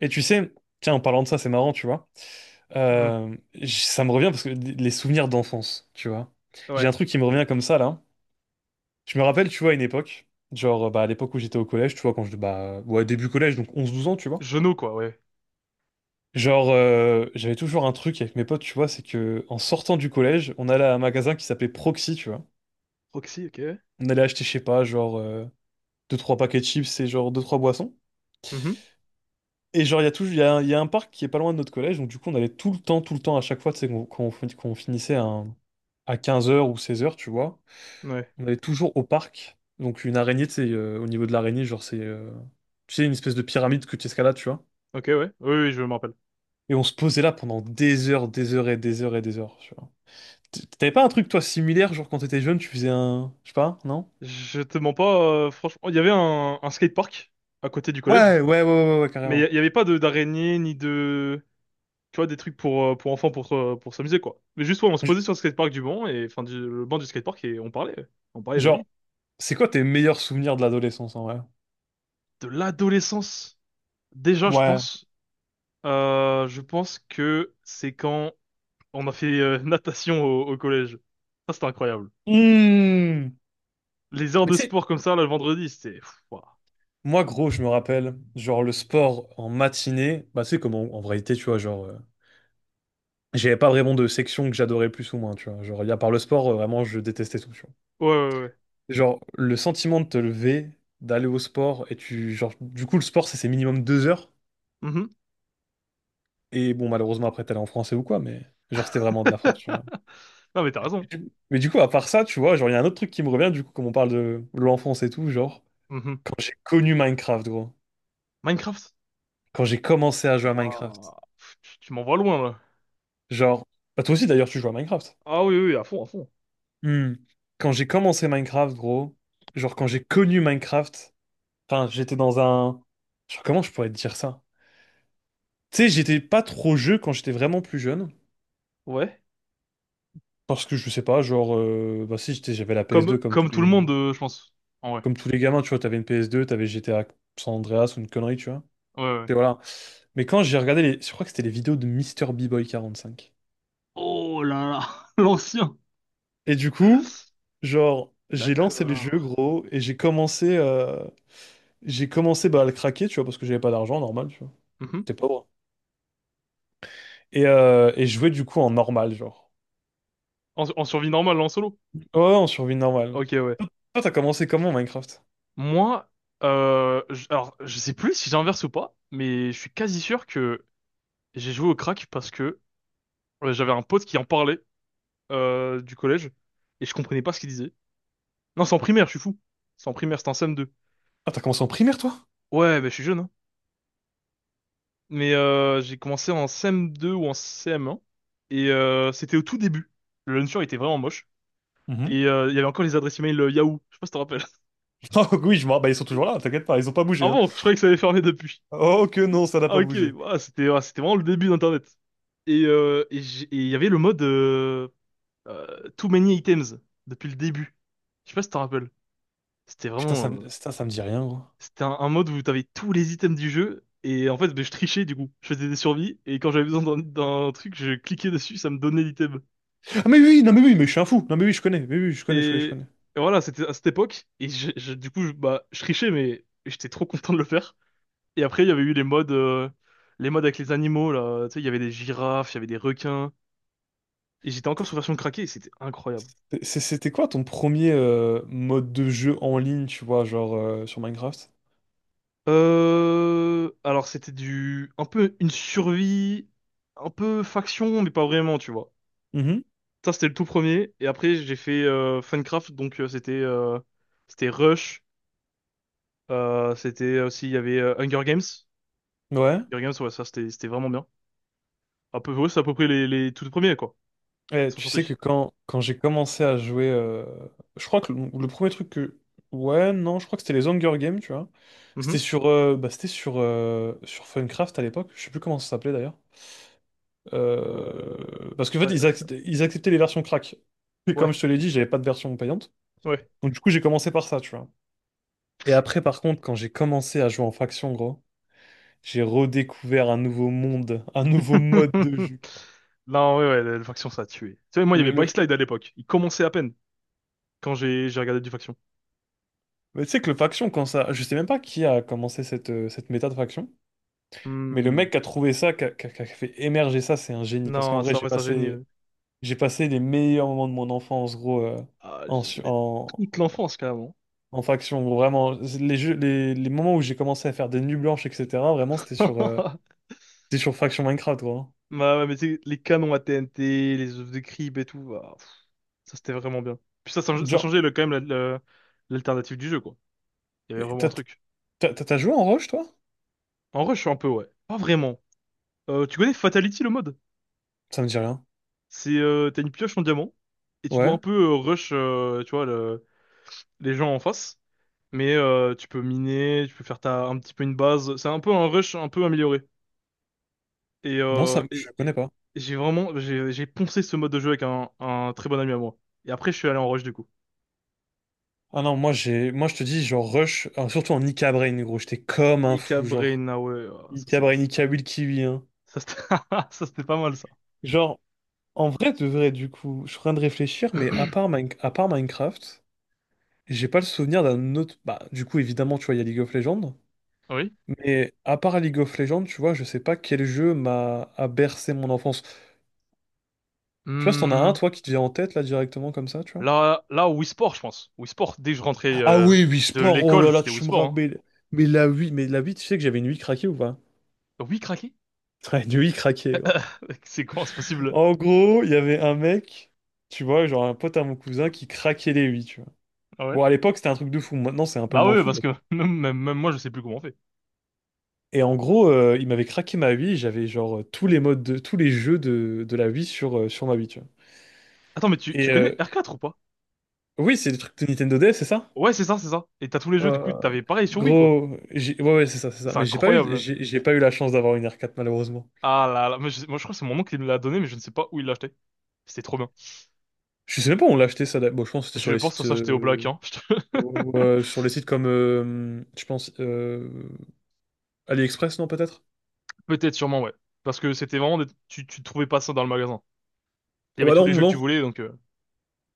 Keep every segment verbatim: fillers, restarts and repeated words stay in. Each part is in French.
Et tu sais, tiens, en parlant de ça, c'est marrant, tu vois. Hmm, Euh, j- ça me revient parce que d- les souvenirs d'enfance, tu vois. J'ai un ouais. truc qui me revient comme ça, là. Je me rappelle, tu vois, à une époque, genre, euh, bah, à l'époque où j'étais au collège, tu vois, quand je, bah, ouais, début collège, donc onze douze ans, tu vois. Genou, quoi, ouais. Genre, euh, j'avais toujours un truc avec mes potes, tu vois, c'est que en sortant du collège, on allait à un magasin qui s'appelait Proxy, tu vois. Proxy, ok. On allait acheter, je sais pas, genre, euh, deux trois paquets de chips et genre deux trois boissons. Mhm, Et genre, il y a toujours, il y a, un il y a un parc qui est pas loin de notre collège, donc du coup, on allait tout le temps, tout le temps, à chaque fois, tu sais, qu'on- quand on, fin- quand on finissait à, à quinze heures ou seize heures, tu vois, ouais. on allait toujours au parc. Donc, une araignée, tu sais, euh, au niveau de l'araignée, genre, c'est, euh, tu sais, une espèce de pyramide que tu escalades, tu vois. Ok, ouais. Oui, oui, je me rappelle. Et on se posait là pendant des heures, des heures et des heures et des heures, tu vois. T- T'avais pas un truc, toi, similaire, genre, quand t'étais jeune, tu faisais un, je sais pas, non? Je te mens pas, euh, franchement. Il y avait un, un skatepark à côté du collège, Ouais, ouais, ouais, ouais, ouais, mais il y carrément. il y avait pas de d'araignée ni de. Tu vois, des trucs pour, euh, pour enfants pour, euh, pour s'amuser, quoi. Mais juste, ouais, on se J- posait sur le skatepark du banc, et, enfin, du, le banc du skatepark, et on parlait. Ouais. On parlait de la Genre, vie. c'est quoi tes meilleurs souvenirs de l'adolescence, en vrai? De l'adolescence. Déjà, je Ouais. pense. euh, je pense que c'est quand on a fait euh, natation au, au collège. Ça, c'était incroyable. Mmh. Les heures Mais de tu sais, sport comme ça, là, le vendredi, c'était pff, ouah. moi, gros, je me rappelle, genre le sport en matinée, bah c'est comme en, en réalité, tu vois, genre, euh, j'avais pas vraiment de section que j'adorais plus ou moins, tu vois. Genre, y a par le sport, euh, vraiment, je détestais tout, tu vois. Ouais, ouais, ouais. Genre, le sentiment de te lever, d'aller au sport, et tu, genre, du coup, le sport, c'est c'est minimum deux heures. Mhm. Et bon, malheureusement, après, t'allais en français ou quoi, mais genre, c'était vraiment de la frappe, tu vois. Non, mais t'as raison. Du- Mais du coup, à part ça, tu vois, genre, il y a un autre truc qui me revient, du coup, comme on parle de l'enfance et tout, genre, Mhm. quand j'ai connu Minecraft, gros, Minecraft? quand j'ai commencé à jouer à Minecraft, Ouah. Pff, Tu, tu m'envoies loin, là. genre, bah, toi aussi, d'ailleurs, tu joues à Minecraft. Ah oui, oui, à fond, à fond. Hmm. Quand j'ai commencé Minecraft, gros, genre quand j'ai connu Minecraft, enfin j'étais dans un... Genre comment je pourrais te dire ça? Tu sais, j'étais pas trop jeu quand j'étais vraiment plus jeune. Ouais. Parce que je sais pas, genre, euh, bah si, j'étais- j'avais la ps Comme, deux comme tous comme tout le les, monde, euh, je pense. En vrai. comme tous les gamins, tu vois, t'avais une P S deux, t'avais G T A San Andreas ou une connerie, tu vois. Ouais, ouais. Et voilà. Mais quand j'ai regardé les... Je crois que c'était les vidéos de Mister b boy cinq. Oh là là, l'ancien. Et du coup, genre, j'ai lancé le D'accord. jeu, gros, et j'ai commencé, euh, j'ai commencé bah, à le craquer, tu vois, parce que j'avais pas d'argent, normal. Mhm. C'est pas bon. Et, euh, et jouer du coup en normal, genre. En, en survie normale, en solo. Ouais, ouais, en survie normale. Ok, ouais. Toi, toi, t'as commencé comment Minecraft? Moi, euh, je- alors, je sais plus si j'inverse ou pas, mais je suis quasi sûr que j'ai joué au crack parce que euh, j'avais un pote qui en parlait euh, du collège et je comprenais pas ce qu'il disait. Non, c'est en primaire, je suis fou. C'est en primaire, c'était en C M deux. Ah, t'as commencé en primaire, toi? Ouais, bah, je suis jeune, hein. Mais euh, j'ai commencé en C M deux ou en C M un et euh, c'était au tout début. Le launcher était vraiment moche et Mhm. euh, il y avait encore les adresses email euh, Yahoo. Je sais pas si tu te rappelles. Oh oui, je me rappelle, bah, ils sont toujours là, t'inquiète pas, ils ont pas Ah bougé, hein. bon, je croyais que ça avait fermé depuis. Oh que non, ça n'a Ah pas ok, bougé. ouais, c'était ouais, c'était vraiment le début d'Internet. Et euh, et j'ai- et il y avait le mode euh, euh, Too Many Items depuis le début. Je sais pas si tu te rappelles. C'était Putain, ça, vraiment me- euh, Putain, ça me dit rien, gros. C'était un, un mode où t'avais tous les items du jeu. Et en fait, ben, je trichais du coup. Je faisais des survies. Et quand j'avais besoin d'un d'un truc, je cliquais dessus, ça me donnait l'item. Ah mais oui, non mais oui, mais je suis un fou. Non mais oui, je connais, mais oui, je connais, je connais, Et, je connais. et voilà, c'était à cette époque. Et je, je- du coup, je, bah, je trichais, mais j'étais trop content de le faire. Et après, il y avait eu les modes, euh, les modes avec les animaux, là. Tu sais, il y avait des girafes, il y avait des requins. Et j'étais encore sur T'es- version craquée et c'était incroyable. t'es- c'est- C'était quoi ton premier euh, mode de jeu en ligne, tu vois, genre euh, sur Minecraft? Euh... Alors, c'était du... un peu une survie, un peu faction, mais pas vraiment, tu vois. Mhm. Ça, c'était le tout premier. Et après, j'ai fait euh, Funcraft, donc euh, c'était euh, c'était Rush. euh, c'était aussi, il y avait euh, Hunger Games. Ouais. Hunger Games, ouais, ça, c'était c'était vraiment bien. À peu, ouais, c'est à peu près les, les tout premiers, quoi, Eh, qui sont tu sais sortis. que quand, quand j'ai commencé à jouer, euh, je crois que le, le premier truc que... Ouais, non, je crois que c'était les Hunger Games, tu vois. C'était Mhm. sur, euh, bah, c'était sur, euh, sur Funcraft à l'époque, je sais plus comment ça s'appelait d'ailleurs. Euh, Euh, Parce qu'en fait, ouais, ils euh, acceptaient, ils acceptaient les versions crack. Et comme ouais, je te l'ai dit, j'avais pas de version payante. ouais. Donc du coup, j'ai commencé par ça, tu vois. Et après, par contre, quand j'ai commencé à jouer en faction, gros, j'ai redécouvert un nouveau monde, un nouveau mode de jeu. Non, ouais, ouais, le, Faction, ça a tué. Tu sais, moi, il y avait Le, le- Byslide à l'époque. Il commençait à peine quand j'ai j'ai regardé du Faction. Mais tu sais que le faction, quand ça. Je sais même pas qui a commencé cette, euh, cette méta de faction, mais le Hmm. mec qui a trouvé ça, qui a, qui a- qui a fait émerger ça, c'est un génie. Parce qu'en Non, vrai, ça, j'ai ouais, c'est un génie. Passé, eux. j'ai passé les meilleurs moments de mon enfance, gros, euh, Ah, en, je su- devais être en, toute l'enfance, carrément. en faction, gros. Vraiment, les jeux, les, les moments où j'ai commencé à faire des nuits blanches, et cetera, vraiment, c'était sur, euh, c'était sur faction Minecraft, gros, hein. Bah ouais, mais tu sais, les canons à T N T, les œufs de crib et tout, ah, pff, ça c'était vraiment bien. Puis ça, ça, ça Genre, changeait le, quand même la- la- l'alternative du jeu, quoi. Il y avait mais vraiment un t'as truc. t'as- t'as- t'as joué en Rush, toi? En rush, un peu, ouais. Pas vraiment. Euh, tu connais Fatality, le mode? Ça me dit rien. C'est, euh, t'as une pioche en diamant, et tu dois Ouais. un peu euh, rush, euh, tu vois, le- les gens en face. Mais euh, tu peux miner, tu peux faire ta, un petit peu une base. C'est un peu un rush un peu amélioré. Et, Non, euh, ça, et, je et- connais pas. et j'ai vraiment, j'ai j'ai poncé ce mode de jeu avec un, un très bon ami à moi. Et après, je suis allé en rush, du coup. Ah non, moi j'ai, moi je te dis, genre Rush, euh, surtout en Ika Brain, gros, j'étais comme un Ika fou, genre. Brainaway, oh, ça Ika c'est Brainica Will Kiwi, hein. ça c'était ça, c'était pas mal ça. Genre, en vrai, de vrai, du coup, je suis en train de réfléchir, mais à part, Mine- à part Minecraft, j'ai pas le souvenir d'un autre. Bah, du coup, évidemment, tu vois, il y a League of Legends. Oui. Mais à part League of Legends, tu vois, je sais pas quel jeu m'a a bercé mon enfance. Je sais pas si t'en as un, Hmm, toi, qui te vient en tête, là, directement, comme ça, tu vois. là là Wii Sport je pense. Wii Sport dès que je rentrais Ah euh, oui, Wii de Sport, oh l'école, là là, c'était Wii tu me Sport hein. rappelles. Mais la Wii, mais la Wii, tu sais que j'avais une Wii craquée ou pas? Oui, craqué? Ouais, une Wii craquée, gros. C'est quoi, c'est possible? En gros, il y avait un mec, tu vois, genre un pote à mon cousin qui craquait les Wii, tu vois. Ah ouais. Bon, à l'époque, c'était un truc de fou. Maintenant, c'est un peu Bah moins ouais, fou. parce que même, même- même moi je sais plus comment on fait. Et en gros, euh, il m'avait craqué ma Wii. J'avais genre euh, tous les modes de tous les jeux de, de la Wii sur, euh, sur ma Wii, tu vois. Attends, mais tu, tu Et connais euh, R quatre ou pas? oui, c'est des trucs de Nintendo D S, c'est ça? Ouais, c'est ça, c'est ça. Et t'as tous les jeux, du Euh, coup, t'avais pareil sur Wii, quoi. gros, j'ai- ouais, ouais, c'est ça, c'est ça. C'est Mais j'ai pas eu, incroyable. j'ai j'ai pas eu la chance d'avoir une R quatre malheureusement. Ah là là, moi je, moi, je crois que c'est mon oncle qui me l'a donné, mais je ne sais pas où il l'a acheté. C'était trop bien. Je sais même pas où on l'a acheté ça. d'a- Bon, je pense que c'était Je sur les pense que ça sites, s'achetait au Black, euh, hein. euh, sur les sites comme, euh, je pense, euh, AliExpress, non peut-être? Peut-être sûrement, ouais. Parce que c'était vraiment des- tu tu trouvais pas ça dans le magasin. Il y Ah avait bah tous non, les jeux que tu non, voulais donc euh,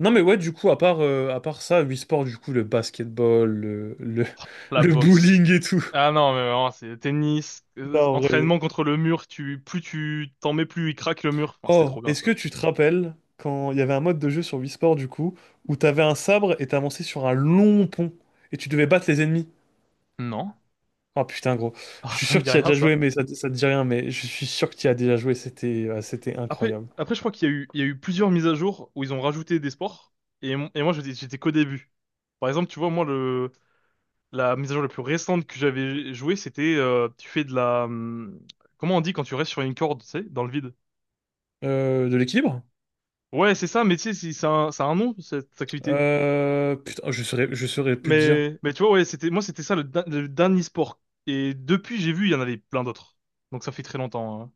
non mais ouais du coup à part euh, à part ça Wii Sport du coup le basketball le le, la le boxe. bowling et tout. Ah non, mais vraiment, c'est tennis, euh, Non en vrai. entraînement contre le mur, tu plus tu t'en mets plus il craque le mur. Enfin, c'était Oh trop bien est-ce que ça. tu te rappelles quand il y avait un mode de jeu sur Wii Sport du coup où t'avais un sabre et t'avançais sur un long pont et tu devais battre les ennemis. Non. Oh putain gros, je Ah, suis ça me sûr que dit tu y as rien déjà ça. joué mais ça, ça te dit rien, mais je suis sûr que tu y as déjà joué, c'était euh, c'était Après incroyable. après je crois qu'il y a eu il y a eu plusieurs mises à jour où ils ont rajouté des sports et mon- et moi j'étais j'étais qu'au début. Par exemple, tu vois moi le la mise à jour la plus récente que j'avais jouée, c'était euh, tu fais de la hum, comment on dit quand tu restes sur une corde, tu sais, dans le vide? Euh, de l'équilibre? Ouais, c'est ça, mais tu sais, si- ça a un, ça a un nom, cette activité. Euh, putain je saurais je saurais plus te dire. Mais, mais tu vois, ouais, c'était, moi, c'était ça le, da- le dernier sport. Et depuis, j'ai vu, il y en avait plein d'autres. Donc ça fait très longtemps. Hein.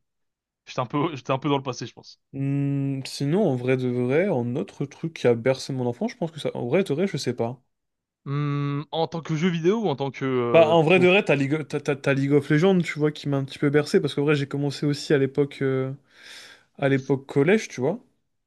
J'étais un peu, j'étais un peu dans le passé, je pense. Hmm, sinon, en vrai de vrai, en autre truc qui a bercé mon enfant, je pense que ça. En vrai de vrai, je sais pas. Hmm, en tant que jeu vidéo ou en tant que Bah, euh, en vrai de tout? vrai, t'as League, t'as, t'as- t'as League of Legends, tu vois, qui m'a un petit peu bercé, parce qu'en vrai, j'ai commencé aussi à l'époque euh, à l'époque collège, tu vois.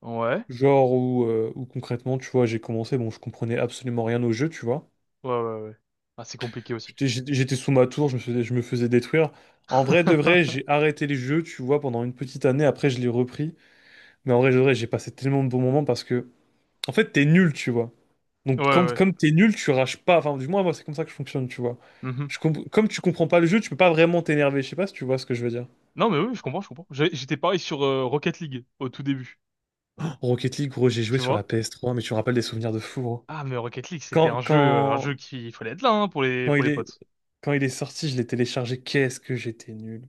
Ouais, Genre où, euh, où concrètement, tu vois, j'ai commencé, bon, je comprenais absolument rien au jeu, tu vois. ouais, ouais, ouais. Ah, c'est compliqué aussi. J'étais j'étais- j'étais sous ma tour, je me faisais, je me faisais détruire. En vrai de vrai, j'ai arrêté les jeux, tu vois, pendant une petite année, après, je l'ai repris. Mais en vrai de vrai, j'ai passé tellement de bons moments parce que, en fait, t'es nul, tu vois. Ouais, Donc, quand, ouais. comme t'es nul, tu rages pas. Enfin, du moins, moi, c'est comme ça que je fonctionne, tu vois. Mhm. Je comp- comme tu comprends pas le jeu, tu peux pas vraiment t'énerver. Je sais pas si tu vois ce que je veux dire. Non, mais oui, je comprends, je comprends. J'ai- J'étais pareil sur euh, Rocket League au tout début, Rocket League, gros, j'ai joué tu sur la vois? P S trois, mais tu me rappelles des souvenirs de fou, gros. Ah, mais Rocket League, c'était Quand, un jeu, euh, un quand, jeu qui, il fallait être là, hein, pour les, Quand pour il les est, potes. quand il est sorti, je l'ai téléchargé. Qu'est-ce que j'étais nul.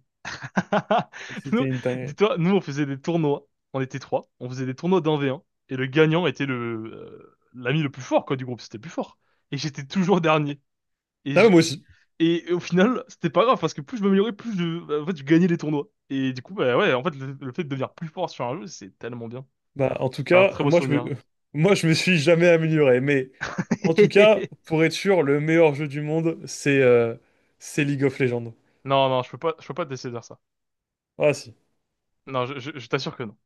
Et Nous, c'était une dinguerie. dis-toi, nous, on faisait des tournois. On était trois. On faisait des tournois d'un V un. Et le gagnant était le, euh, l'ami le plus fort, quoi, du groupe. C'était le plus fort. Et j'étais toujours dernier. Et, Ah, mais je- moi aussi. et au final, c'était pas grave parce que plus je, m'améliorais, plus je, bah, en fait, je gagnais les tournois. Et du coup, bah ouais, en fait, le, le fait de devenir plus fort sur un jeu, c'est tellement bien. Bah, en tout C'est un cas, très beau moi, je me, souvenir. moi, je me suis jamais amélioré. Mais en tout cas, pour être sûr, le meilleur jeu du monde, c'est euh, c'est League of Legends. Non, non, je peux pas, je peux pas te laisser dire ça. Ah, si. Non, je, je- je t'assure que non.